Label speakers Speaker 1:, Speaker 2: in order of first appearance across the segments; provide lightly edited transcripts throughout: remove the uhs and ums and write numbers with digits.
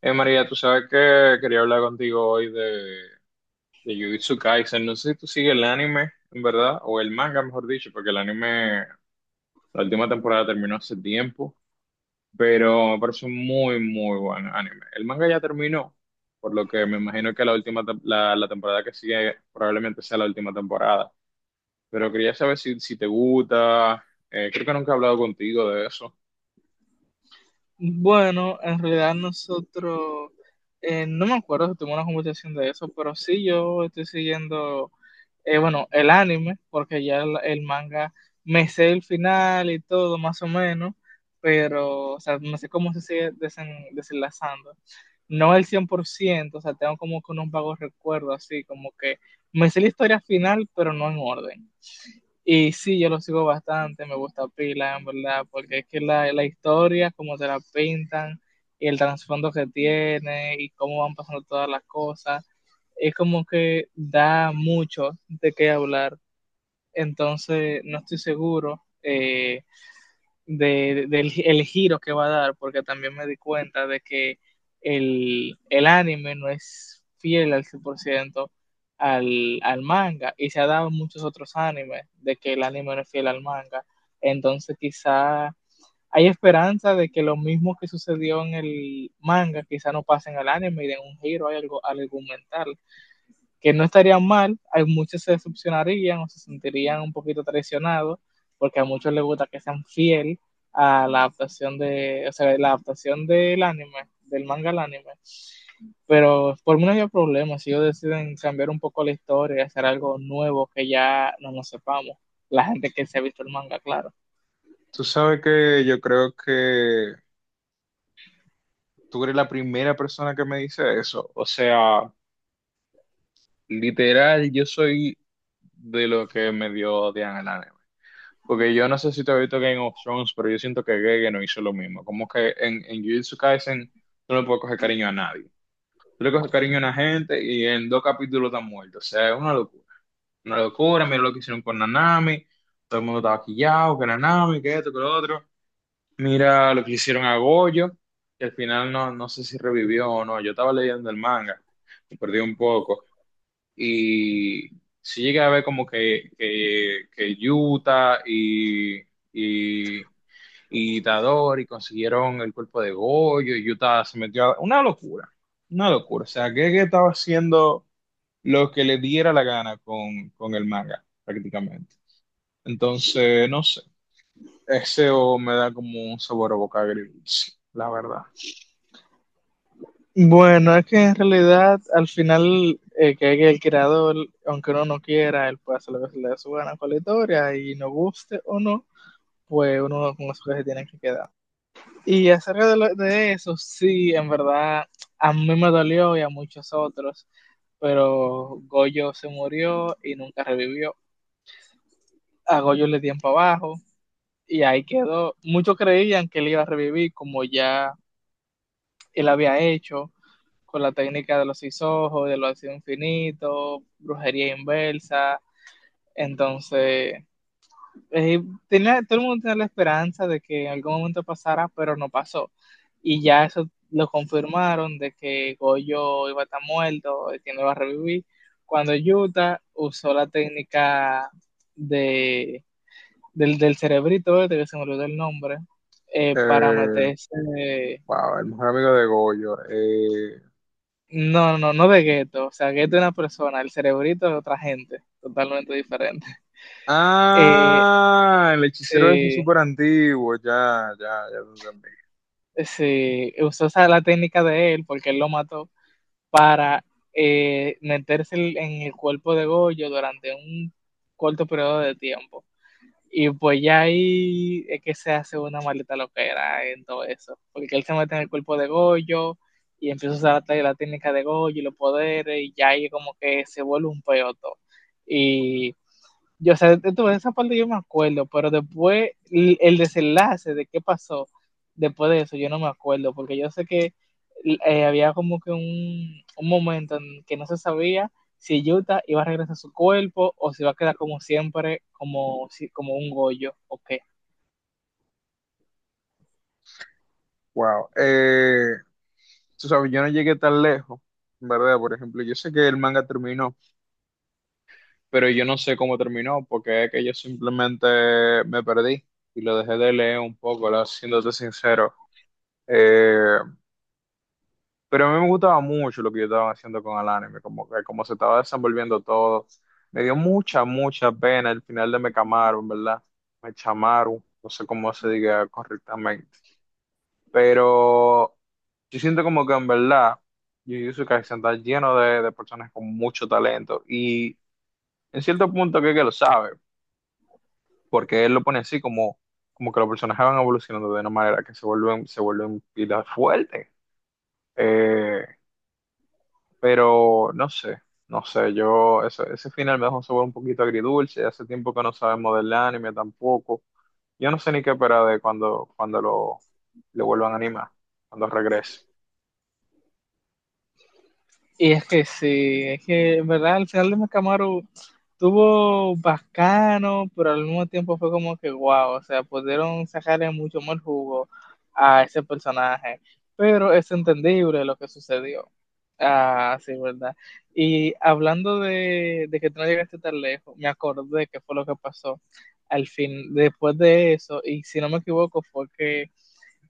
Speaker 1: María, tú sabes que quería hablar contigo hoy de Jujutsu Kaisen. No sé si tú sigues el anime, en verdad, o el manga, mejor dicho, porque el anime, la última temporada terminó hace tiempo, pero me parece un muy, muy buen anime. El manga ya terminó, por lo que me imagino que la última, la temporada que sigue probablemente sea la última temporada. Pero quería saber si, si te gusta. Creo que nunca he hablado contigo de eso.
Speaker 2: Bueno, en realidad nosotros, no me acuerdo si tuvimos una conversación de eso, pero sí yo estoy siguiendo, bueno, el anime, porque ya el manga me sé el final y todo, más o menos, pero, o sea, no sé cómo se sigue desenlazando. No el 100%, o sea, tengo como que unos vagos recuerdos, así como que me sé la historia final, pero no en orden. Y sí, yo lo sigo bastante, me gusta pila, en verdad, porque es que la historia, como te la pintan, y el trasfondo que tiene, y cómo van pasando todas las cosas, es como que da mucho de qué hablar. Entonces, no estoy seguro. De- del el giro que va a dar, porque también me di cuenta de que el anime no es fiel al 100% al manga, y se ha dado en muchos otros animes de que el anime no es fiel al manga. Entonces quizá hay esperanza de que lo mismo que sucedió en el manga quizá no pase en el anime y den un giro al argumental que no estarían mal, hay muchos se decepcionarían o se sentirían un poquito traicionados, porque a muchos les gusta que sean fiel a la adaptación de, o sea, la adaptación del anime, del manga al anime. Pero por mí no había problema si ellos deciden cambiar un poco la historia, hacer algo nuevo que ya no nos sepamos. La gente que se ha visto el manga, claro.
Speaker 1: Tú sabes que yo creo que tú eres la primera persona que me dice eso. O sea. Literal, yo soy de lo que me dio odian el anime. Porque yo no sé si te has visto Game of Thrones, pero yo siento que Gege no hizo lo mismo. Como que en Jujutsu Kaisen tú no le puedes coger cariño a nadie. Tú le coges cariño a una gente y en dos capítulos están muertos. O sea, es una locura. Una locura, mira lo que hicieron con Nanami. Todo el mundo estaba quillado, que Nanami, que esto, que lo otro. Mira lo que hicieron a Goyo, que al final no, no sé si revivió o no. Yo estaba leyendo el manga, me perdí un poco y sí llegué a ver como que, que Utah y, y Dador y consiguieron el cuerpo de Goyo y Utah se metió a... Una locura, una locura. O sea, que estaba haciendo lo que le diera la gana con el manga, prácticamente. Entonces, no sé, ese o me da como un sabor a boca agridulce, la verdad.
Speaker 2: Bueno, es que en realidad al final que el creador, aunque uno no quiera, él puede hacer lo que se le dé su gana con la historia y no guste o no, pues uno con eso que se tiene que quedar. Y acerca de eso, sí, en verdad, a mí me dolió y a muchos otros, pero Goyo se murió y nunca revivió. A Goyo le dieron para abajo y ahí quedó. Muchos creían que él iba a revivir como ya él había hecho con la técnica de los seis ojos, de los ácidos infinitos, brujería inversa. Entonces, eh, todo el mundo tenía la esperanza de que en algún momento pasara, pero no pasó. Y ya eso lo confirmaron de que Goyo iba a estar muerto, que no iba a revivir, cuando Utah usó la técnica de, del cerebrito, de que se me olvidó el nombre, para
Speaker 1: Eh,
Speaker 2: meterse...
Speaker 1: wow, el mejor amigo de Goyo.
Speaker 2: No, no, no de gueto. O sea, gueto es una persona, el cerebrito es otra gente, totalmente diferente. Eh,
Speaker 1: Ah, el hechicero es
Speaker 2: sí,
Speaker 1: súper antiguo, ya, ya, ya lo entendí.
Speaker 2: sí, usó esa, la técnica de él, porque él lo mató, para meterse en el cuerpo de Goyo durante un corto periodo de tiempo. Y pues ya ahí es que se hace una maleta loquera en todo eso, porque él se mete en el cuerpo de Goyo y empieza a usar la técnica de Goyo y los poderes, y ya ahí como que se vuelve un peoto. Y yo, o sea, entonces, esa parte yo me acuerdo, pero después el desenlace de qué pasó después de eso, yo no me acuerdo, porque yo sé que había como que un momento en que no se sabía si Yuta iba a regresar a su cuerpo o si iba a quedar como siempre, como, si- como un Goyo, ok.
Speaker 1: Wow. Tú sabes, yo no llegué tan lejos, ¿verdad? Por ejemplo, yo sé que el manga terminó, pero yo no sé cómo terminó, porque es que yo simplemente me perdí y lo dejé de leer un poco, la- siéndote sincero. Eh, Pero a mí me gustaba mucho lo que yo estaba haciendo con el anime, como que como se estaba desenvolviendo todo. Me dio mucha, mucha pena el final de Mekamaru, en verdad. Mechamaru, no sé cómo se diga correctamente. Pero yo siento como que en verdad Jujutsu Kaisen está lleno de personas con mucho talento y en cierto punto creo que lo sabe, porque él lo pone así como, como que los personajes van evolucionando de una manera que se vuelven pilas fuertes. Eh, Pero no sé, no sé, yo ese final me dejó un sabor un poquito agridulce, hace tiempo que no sabemos del anime tampoco. Yo no sé ni qué esperar de cuando lo vuelvan a animar, cuando regrese.
Speaker 2: Y es que sí, es que en verdad al final de Camaro tuvo bacano, pero al mismo tiempo fue como que guau, o sea, pudieron sacarle mucho más jugo a ese personaje, pero es entendible lo que sucedió. Ah, sí, verdad. Y hablando de que tú no llegaste tan lejos, me acordé que fue lo que pasó al fin, después de eso, y si no me equivoco, fue que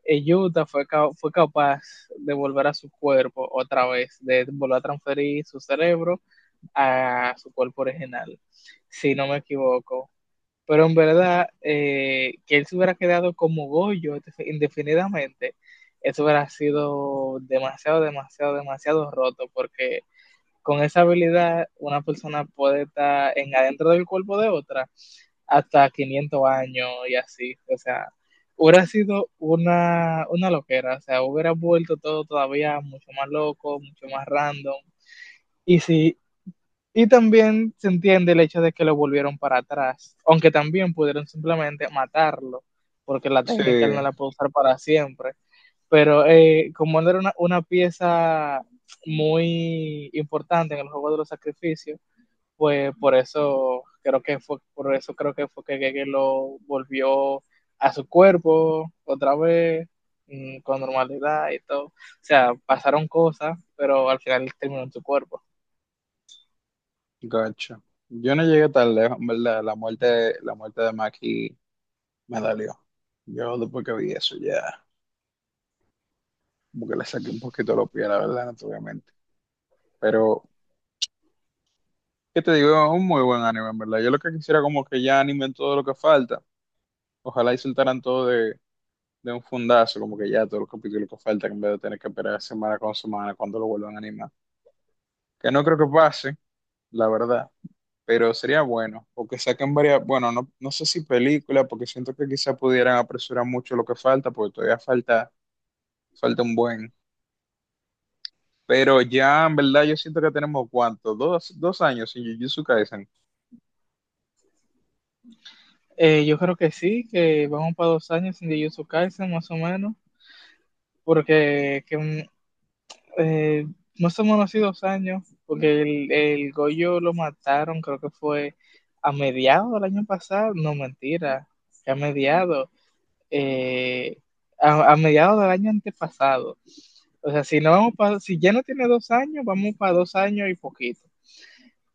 Speaker 2: Utah fue capaz de volver a su cuerpo otra vez, de volver a transferir su cerebro a su cuerpo original, si no me equivoco. Pero en verdad, que él se hubiera quedado como Goyo indefinidamente, eso hubiera sido demasiado, demasiado, demasiado roto, porque con esa habilidad una persona puede estar en adentro del cuerpo de otra hasta 500 años y así, o sea, hubiera sido una loquera, o sea, hubiera vuelto todo todavía mucho más loco, mucho más random. Y sí, y también se entiende el hecho de que lo volvieron para atrás, aunque también pudieron simplemente matarlo, porque la
Speaker 1: Sí,
Speaker 2: técnica él no la puede usar para siempre. Pero como él era una pieza muy importante en el juego de los sacrificios, pues por eso creo que fue, por eso creo que fue que Gege lo volvió a su cuerpo otra vez con normalidad y todo. O sea, pasaron cosas, pero al final terminó en su cuerpo.
Speaker 1: gacho. Yo no llegué tan lejos, en verdad. La muerte de Maki me dolió. Yo después que vi eso ya, como que le saqué un poquito los pies, la verdad, naturalmente. Pero, ¿qué te digo? Es un muy buen anime, en verdad. Yo lo que quisiera como que ya animen todo lo que falta. Ojalá y soltaran todo de un fundazo, como que ya todos los capítulos que faltan, en vez de tener que esperar semana con semana cuando lo vuelvan a animar. Que no creo que pase, la verdad, pero sería bueno, o que saquen varias, bueno, no, no sé si película, porque siento que quizá pudieran apresurar mucho lo que falta, porque todavía falta, falta un buen. Pero ya, en verdad, yo siento que tenemos, ¿cuánto? Dos, dos años sin Jujutsu Kaisen.
Speaker 2: Yo creo que sí, que vamos para 2 años sin Jujutsu Kaisen más o menos, porque eh, más o menos así 2 años, porque el Goyo lo mataron, creo que fue a mediados del año pasado, no mentira, que a mediados, eh, mediados del año antepasado. O sea, si, no vamos para si ya no tiene 2 años, vamos para dos años y poquito.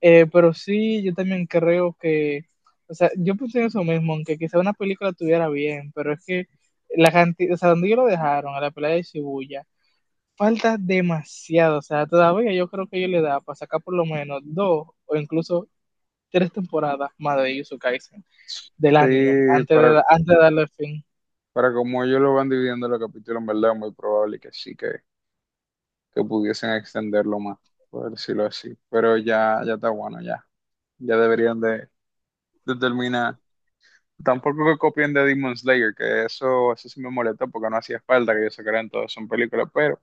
Speaker 2: Pero sí, yo también creo que, o sea, yo pensé en eso mismo, aunque quizá una película estuviera bien, pero es que la cantidad, o sea, donde ellos lo dejaron, a la pelea de Shibuya, falta demasiado, o sea, todavía yo creo que ellos le da para sacar por lo menos dos o incluso tres temporadas más de Yuzu Kaisen, del anime,
Speaker 1: Sí,
Speaker 2: antes de, darle fin.
Speaker 1: para como ellos lo van dividiendo los capítulos, en verdad, muy probable que sí, que pudiesen extenderlo más, por decirlo así. Pero ya, ya está bueno, ya. Ya deberían de terminar. Tampoco que copien de Demon Slayer, que eso sí me molesta porque no hacía falta que ellos sacaran todas son películas, pero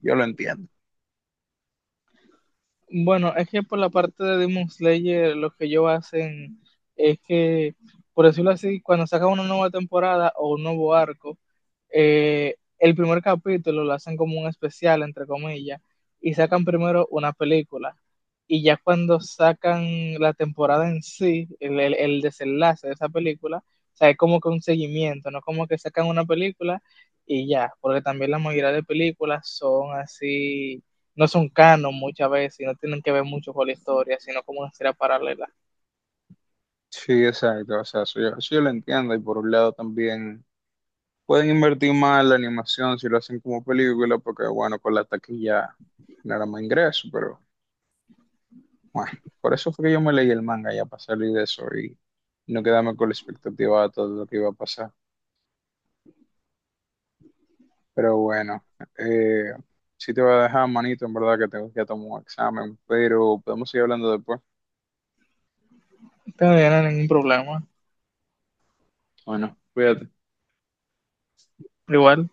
Speaker 1: yo lo entiendo.
Speaker 2: Bueno, es que por la parte de Demon Slayer, lo que ellos hacen es que, por decirlo así, cuando sacan una nueva temporada o un nuevo arco, el primer capítulo lo hacen como un especial, entre comillas, y sacan primero una película. Y ya cuando sacan la temporada en sí, el desenlace de esa película, o sea, es como que un seguimiento, no como que sacan una película y ya, porque también la mayoría de películas son así no son canon muchas veces y no tienen que ver mucho con la historia, sino como una historia paralela.
Speaker 1: Sí, exacto, o sea, eso yo lo entiendo y por un lado también pueden invertir más en la animación si lo hacen como película porque bueno, con la taquilla generan más ingreso, pero bueno, por eso fue que yo me leí el manga ya para salir de eso y no quedarme con la expectativa de todo lo que iba a pasar. Pero bueno, eh, sí te voy a dejar, manito, en verdad que tengo que ir a tomar un examen, pero podemos seguir hablando después.
Speaker 2: No tendrían ningún problema.
Speaker 1: Bueno, cuídate.
Speaker 2: Igual,